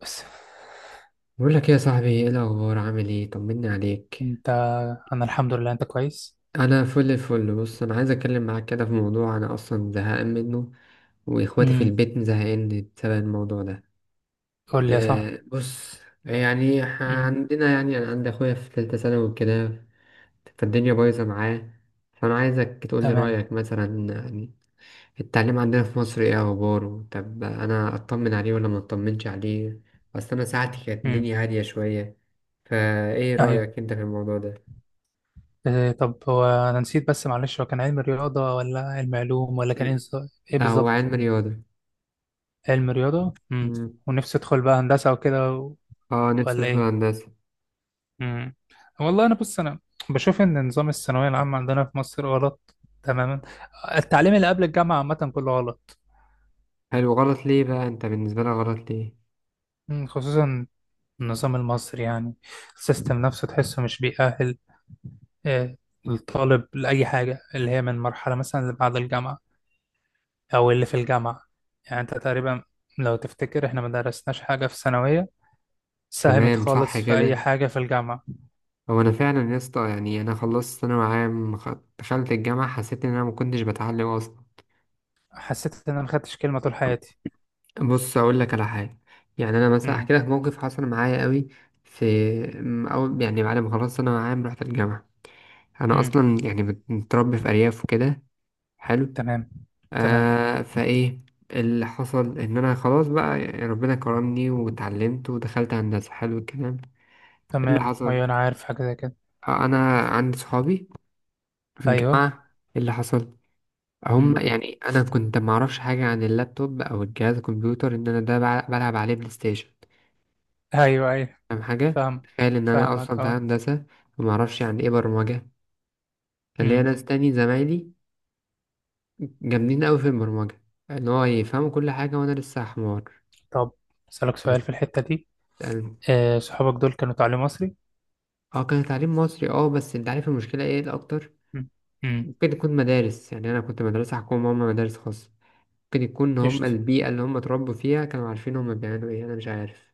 بس. بقول لك ايه يا صاحبي؟ ايه الاخبار؟ عامل ايه؟ طمني عليك. انت؟ انا الحمد لله. انت كويس؟ انا فل الفل. بص، انا عايز اتكلم معاك كده في موضوع انا اصلا زهقان منه، واخواتي في امم. البيت زهقان بسبب الموضوع ده. قول لي يا صاحبي. أه بص، امم. عندنا، يعني انا عندي اخويا في ثالثه ثانوي وكده، فالدنيا بايظه معاه. فانا عايزك تقول لي تمام. رايك مثلا، يعني التعليم عندنا في مصر ايه اخباره؟ طب انا اطمن عليه ولا ما اطمنش عليه؟ اصل انا ساعتي كانت امم. الدنيا هاديه شويه. فايه ايوه. رايك انت في الموضوع ده؟ إيه طب، هو انا نسيت بس معلش، هو كان علم رياضة ولا علم علوم ولا كان ايه إيه لا هو بالظبط؟ علم رياضه. علم رياضة. امم. مم. ونفسي ادخل بقى هندسة وكده اه نفسي ولا ادخل ايه؟ هندسه. امم. والله انا بص، انا بشوف ان نظام الثانوية العامة عندنا في مصر غلط تماما. التعليم اللي قبل الجامعة عامة كله غلط. حلو، غلط ليه بقى؟ انت بالنسبه لك غلط ليه؟ خصوصا النظام المصري يعني. السيستم نفسه تحسه مش بيأهل آه، الطالب لأي حاجة، اللي هي من مرحلة مثلا اللي بعد الجامعة أو اللي في الجامعة. يعني أنت تقريبا لو تفتكر إحنا ما درسناش حاجة في الثانوية ساهمت تمام صح خالص في أي كده. حاجة في الجامعة. هو انا فعلا يا اسطى، يعني انا خلصت ثانوي عام دخلت الجامعه، حسيت ان انا ما كنتش بتعلم اصلا. حسيت إن أنا ما خدتش كلمة طول حياتي. بص اقول لك على حاجه، يعني انا مثلا امم. احكي لك موقف حصل معايا قوي في او يعني بعد ما خلصت ثانوي عام رحت الجامعه. انا امم. اصلا يعني متربي في ارياف وكده. حلو، تمام. تمام. آه فايه اللي حصل، ان انا خلاص بقى يعني ربنا كرمني واتعلمت ودخلت هندسه. حلو الكلام. إيه اللي تمام. حصل؟ أيوة، أنا عارف حاجة زي كده. آه انا عندي صحابي في أيوه. الجامعه. إيه اللي حصل؟ هم امم. يعني انا كنت معرفش حاجه عن اللابتوب او الجهاز الكمبيوتر، ان انا ده بلعب عليه بلاي ستيشن. أيوه أيوه. فاهم حاجة؟ فاهم. تخيل إن أنا فاهمك أصلا في أه. هندسة ومعرفش يعني إيه برمجة. كان ليا امم. ناس تاني زمايلي جامدين أوي في البرمجة، إن هو يفهموا كل حاجة وأنا لسه حمار. طب أسألك سؤال في الحتة دي. يعني- آه، صحابك دول كانوا تعليم مصري؟ اه كان تعليم مصري، اه بس انت عارف المشكلة ايه الأكتر؟ امم. امم. ممكن يكون مدارس، يعني أنا كنت مدرسة حكومة وهما مدارس خاصة. ممكن يكون هما قشطة. البيئة اللي هما اتربوا فيها كانوا عارفين هما بيعملوا ايه، أنا مش عارف.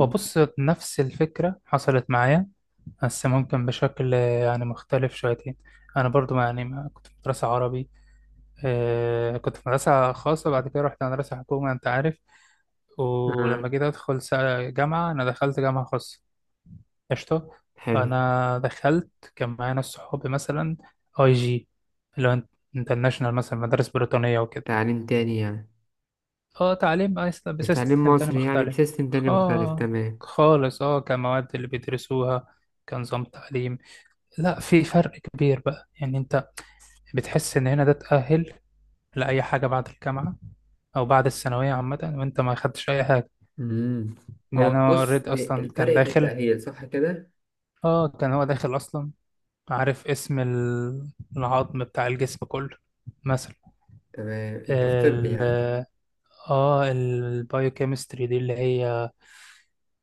هو بص، نفس الفكرة حصلت معايا، بس ممكن بشكل يعني مختلف شويتين. أنا برضو ما كنت في مدرسة عربي. آه، كنت في مدرسة خاصة، بعد كده رحت مدرسة حكومة، أنت عارف. ولما آه جيت أدخل جامعة، أنا دخلت جامعة خاصة. قشطة. حلو. فأنا دخلت كان معايا ناس صحابي مثلا أي جي، اللي هو انترناشونال، مثلا مدارس بريطانية وكده. تعليم تاني يعني، اه تعليم مش تعليم بسيستم تاني مصري يعني، مختلف. بسيستم تاني مختلف، خا تمام. خالص. اه كمواد اللي بيدرسوها، كنظام تعليم، لا في فرق كبير بقى. يعني انت بتحس ان هنا ده تأهل لأي حاجة بعد الجامعة، او بعد الثانويه عامه، وانت ما خدتش اي حاجه. امم، يعني هو انا بص، اوريدي اصلا كان الفرق في داخل. التأهيل صح كده؟ اه كان هو داخل اصلا، عارف اسم العظم بتاع الجسم كله مثلا. تمام، انت في طب ال يعني. اه البايوكيمستري دي اللي هي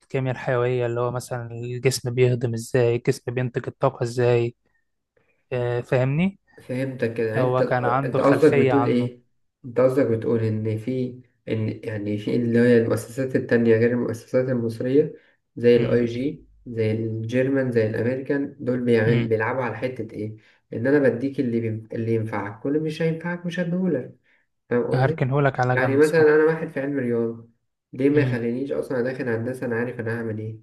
الكيمياء الحيوية، اللي هو مثلا الجسم بيهضم ازاي، الجسم بينتج الطاقة ازاي. آه، فاهمني؟ فهمتك كده. يعني انت، هو كان انت عنده قصدك خلفية بتقول عنه. ايه؟ انت قصدك بتقول ان في، ان يعني في اللي هي المؤسسات التانية غير المؤسسات المصرية، زي امم. الاي جي، زي الجيرمان، زي الامريكان، دول بيعمل امم. بيلعبوا على حتة ايه؟ ان انا بديك اللي بي... اللي ينفعك كل، مش هينفعك مش هديهولك. فاهم قصدي؟ هركنهولك على يعني جنب، صح. مثلا انا واحد في علم رياضة، ليه ما امم. يخلينيش اصلا داخل هندسة، انا عارف انا هعمل ايه؟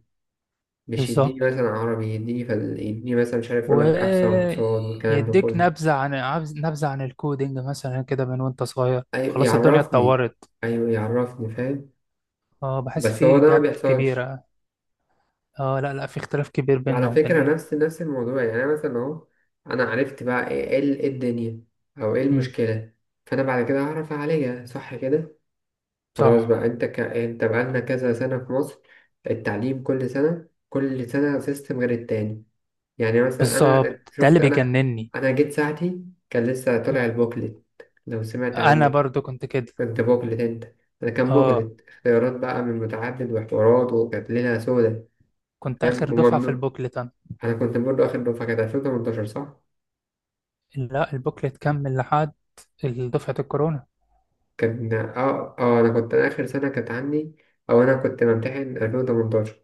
مش يديني بالظبط. مثلا عربي، يديني فل... يديني مثلا مش عارف، يقول لك احصاء واقتصاد والكلام ده ويديك كله. نبذة عن نبذة عن الكودينج مثلا كده من وانت صغير. ايوه خلاص الدنيا يعرفني، اتطورت. ايوه يعرفني، فاهم. اه بحس بس هو في ده ما جاب بيحصلش. كبيرة. اه لا لا، في اختلاف كبير بيننا وعلى فكره وبين. نفس الموضوع، يعني انا مثلا اهو، انا عرفت بقى ايه، إيه إيه الدنيا، او ايه امم. المشكله. فانا بعد كده هعرف اعالجها، صح كده. خلاص صح. بقى، انت ك... انت بقالنا كذا سنه في مصر، التعليم كل سنه كل سنه سيستم غير التاني. يعني مثلا انا بالظبط، ده شفت، اللي انا بيجنني. انا جيت ساعتي كان لسه مم. طالع البوكلت، لو سمعت انا عنه. برضو كنت كده. كنت بوكلت انت؟ انا كان اه، بوكلت اختيارات بقى من متعدد وحوارات، وكانت ليلة سودة. كنت آخر فاهم، دفعة في وممنوع. البوكلت أنا. انا كنت برضه اخر دفعة، كانت 2018 صح؟ لا البوكلت كمل لحد دفعة الكورونا. كان اه اه انا كنت اخر سنة كانت عندي، او انا كنت بمتحن 2018.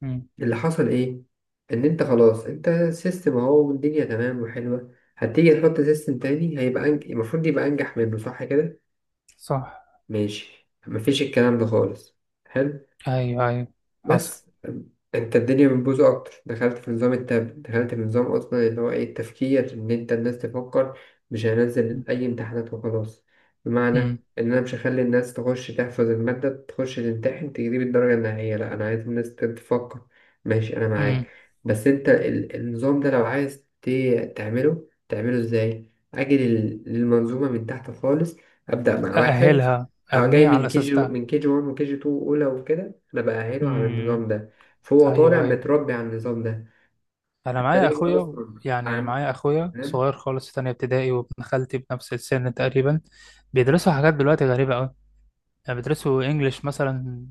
مم. اللي حصل ايه، ان انت خلاص انت سيستم اهو والدنيا تمام وحلوة، هتيجي تحط سيستم تاني هيبقى أنج... المفروض يبقى انجح منه صح كده؟ صح. ماشي، مفيش الكلام ده خالص. حلو. أيوه أيوه. حصل. بس انت الدنيا بتبوظ اكتر، دخلت في نظام التاب، دخلت في نظام اصلا اللي هو ايه، التفكير، ان انت الناس تفكر. مش هنزل اي امتحانات وخلاص. بمعنى مم. ان انا مش هخلي الناس تخش تحفظ المادة تخش تمتحن تجيب الدرجة النهائية، لا انا عايز الناس تفكر. ماشي انا معاك. مم. بس انت النظام ده لو عايز تعمله، تعمله ازاي؟ اجي للمنظومة من تحت خالص، ابدأ مع واحد، أأهلها، أو جاي أبنيها على من كي الأساس جي، ده. من كي جي 1 وكي جي 2 اولى وكده، انا بأهله على مم. النظام ده، فهو أيوه طالع أيوه. متربي على النظام ده. أنا معايا فليه أخويا، اصلا يعني عم، معايا أخويا تمام. صغير خالص في تانية ابتدائي، وابن خالتي بنفس السن تقريبا، بيدرسوا حاجات دلوقتي غريبة أوي. يعني بيدرسوا إنجليش مثلا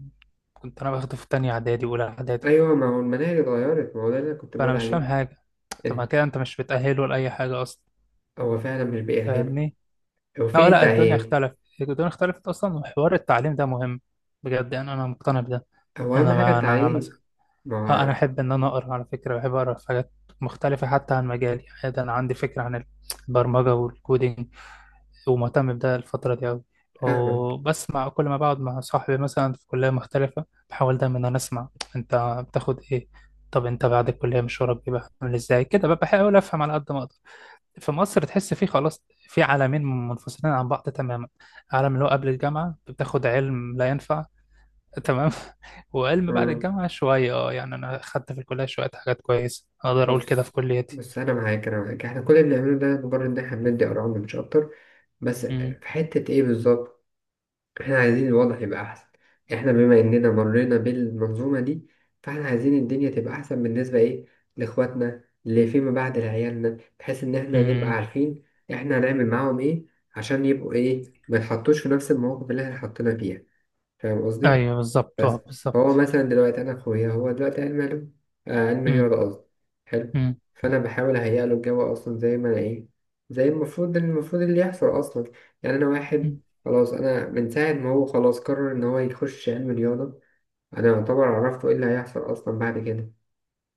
كنت أنا باخده في تانية إعدادي وأولى إعدادي. ايوه ما هو المناهج اتغيرت، ما هو ده اللي انا كنت فأنا بقول مش فاهم عليه، حاجة. طب ما إن كده أنت مش بتأهله لأي حاجة أصلا. هو فعلا مش بيأهله. فاهمني؟ هو فين اه لا، الدنيا التأهيل؟ اختلفت، الدنيا اختلفت اصلا، وحوار التعليم ده مهم بجد. يعني انا مقتنع بده. هو اهم حاجة انا التعليم. مثلا، ما اه انا هو احب ان انا اقرا، على فكره بحب اقرا في حاجات مختلفه حتى عن مجالي. يعني ده انا عندي فكره عن البرمجه والكودينج، ومهتم بده الفتره دي قوي. فاهمك. وبس مع كل ما بقعد مع صاحبي مثلا في كليه مختلفه بحاول دايما ان انا اسمع، انت بتاخد ايه؟ طب انت بعد الكليه مشوارك بيبقى عامل ازاي كده؟ بقى بحاول افهم على قد ما اقدر. في مصر تحس فيه خلاص في عالمين منفصلين عن بعض تماما. عالم اللي هو قبل الجامعة بتاخد علم لا ينفع. تمام. وعلم بعد مم. الجامعة شوية، اه يعني أنا خدت في الكلية شوية حاجات كويسة، أقدر أقول كده في بص، كليتي. بس انا معاك، احنا كل اللي بنعمله ده مجرد ان احنا بندي ارقام مش اكتر. بس أمم، في حتة ايه بالظبط، احنا عايزين الوضع يبقى احسن. احنا بما اننا مرينا بالمنظومة دي، فاحنا عايزين الدنيا تبقى احسن بالنسبة ايه، لاخواتنا اللي فيما بعد، لعيالنا، بحيث ان احنا نبقى أمم. عارفين احنا هنعمل معاهم ايه عشان يبقوا ايه، ما يتحطوش في نفس المواقف اللي احنا حطينا فيها. فاهم قصدي؟ أيوه بالظبط، بس، اه بالظبط. فهو مثلا دلوقتي انا اخويا هو دلوقتي علم علوم، آه علم أمم. رياضه قصدي. حلو، أمم. فانا بحاول اهيئ له الجو اصلا زي ما انا ايه، زي المفروض، المفروض اللي يحصل اصلا. يعني انا واحد أمم. خلاص، انا من ساعه ما هو خلاص قرر ان هو يخش علم رياضه، انا يعتبر عرفته ايه اللي هيحصل اصلا بعد كده.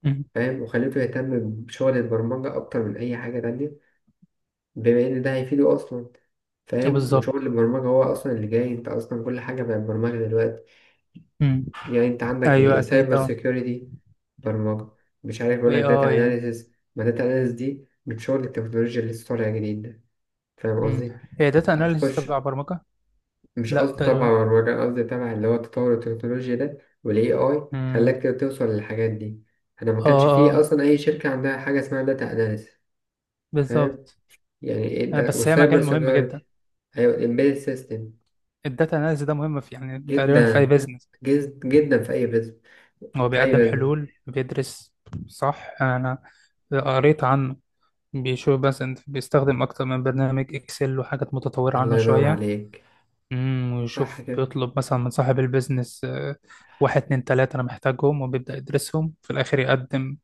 أمم. فاهم، وخليته يهتم بشغل البرمجه اكتر من اي حاجه تانية، بما ان ده هيفيده اصلا. فاهم، وشغل بالظبط. البرمجة هو أصلا اللي جاي، أنت أصلا كل حاجة بقت برمجة دلوقتي. أمم. يعني أنت عندك أيوه إيه، أكيد سايبر اه. سيكيورتي، برمجة، مش عارف يقول وي لك داتا أي. اناليسيس، ما داتا اناليسيس دي بتشغل التكنولوجيا اللي لسه طالعة جديد ده. فاهم أمم. قصدي؟ هي داتا أناليسيس هتخش، تبع برمجة؟ مش لا قصدي طبعا تقريبا. برمجة، قصدي طبعا اللي هو تطور التكنولوجيا ده، والاي اي أمم. خلاك توصل للحاجات دي. انا ما اه كانش فيه اه. اصلا اي شركة عندها حاجة اسمها داتا اناليسيس. فاهم؟ بالظبط. يعني ايه آه، ده، بس هي والسايبر مجال مهم جدا. سيكيورتي، ايوه الامبيد سيستم. الداتا اناليز ده مهم في يعني تقريبا في اي جدا، بيزنس. جدا في اي بزنس، هو في اي بيقدم بزنس. حلول، بيدرس. صح. انا قريت عنه، بيشوف بس انت بيستخدم اكتر من برنامج اكسل وحاجات متطورة الله عنه ينور شوية. عليك، امم، صح ويشوف كده. بيطلب مثلا من صاحب البيزنس واحد اتنين تلاتة انا محتاجهم، وبيبدأ يدرسهم، في الاخر يقدم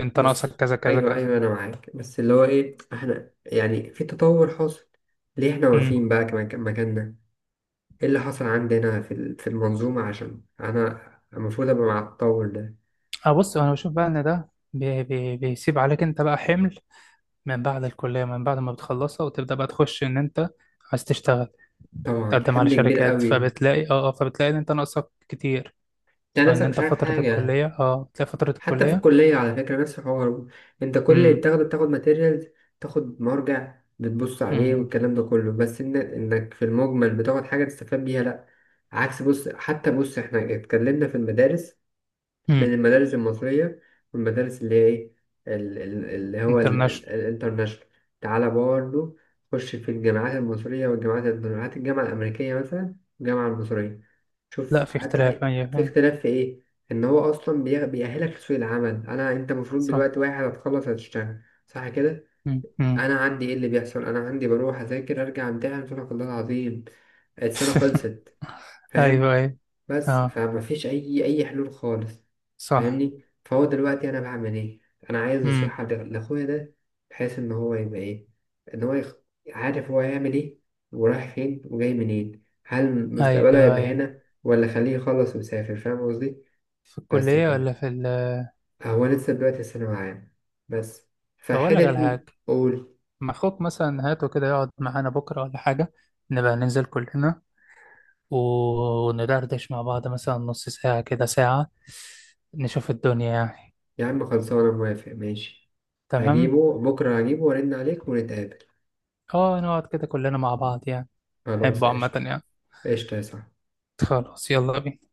انت ناقصك بص كذا كذا ايوه كذا. ايوه انا معاك، بس اللي هو ايه، احنا يعني في تطور حاصل، ليه احنا امم. واقفين بقى مكاننا؟ ايه اللي حصل عندنا في في المنظومه، عشان انا المفروض ابقى مع التطور ده. اه بص، انا بشوف بقى ان ده بي بي بيسيب عليك انت بقى حمل من بعد الكلية، من بعد ما بتخلصها وتبدأ بقى تخش ان انت عايز تشتغل، طبعا تقدم على حمل كبير شركات، قوي، فبتلاقي اه آه، فبتلاقي ان انت ناقصك كتير. انت او ان نفسك مش انت عارف فترة حاجه. الكلية اه تلاقي فترة حتى في الكلية. الكليه على فكره نفس الحوار، انت كل اللي امم. بتاخده بتاخد ماتيريال، تاخد مرجع بتبص عليه امم. والكلام ده كله، بس إن انك في المجمل بتاخد حاجه تستفاد بيها، لا عكس. بص حتى، بص احنا اتكلمنا في المدارس امم. بين المدارس المصرية والمدارس اللي هي إيه، اللي هو انترناشونال. الانترناشونال. تعالى برضه، خش في الجامعات المصرية والجامعات الجامعة الأمريكية مثلا والجامعة المصرية، شوف لا في اختلاف، حتى ايوه. في أيوة، اختلاف في إيه. إن هو أصلا بيأهلك لسوق العمل. أنا، أنت المفروض صح. دلوقتي واحد هتخلص هتشتغل صح كده؟ امم. امم. أنا عندي إيه اللي بيحصل، أنا عندي بروح أذاكر أرجع أمتحن، سبحانك الله العظيم السنة خلصت. ايوه فاهم؟ ايوه. بس اه. فما فيش اي اي حلول خالص. صح. فاهمني؟ فهو دلوقتي انا بعمل ايه، انا عايز امم. نصيحة لاخويا ده، بحيث ان هو يبقى ايه، ان هو يخ... عارف هو هيعمل ايه ورايح فين وجاي منين، هل مستقبله ايوه هيبقى ايوه. هنا ولا خليه يخلص ويسافر، فاهم قصدي. في بس الكلية كده، ولا في ال... هو لسه دلوقتي ثانوي عام بس، طب اقول لك على فحتة. حاجة. قول. ما اخوك مثلا هاته كده يقعد معانا بكرة ولا حاجة. نبقى ننزل كلنا، وندردش مع بعض مثلا نص ساعة كده، ساعة. نشوف الدنيا يعني. يا عم خلصانة، موافق ماشي، تمام. هجيبه بكرة، هجيبه وارن عليك ونتقابل. اه نقعد كده كلنا مع بعض يعني. خلاص أحبه عامة قشطة، يعني. قشطة يا صاحبي. خلاص، يلا بينا.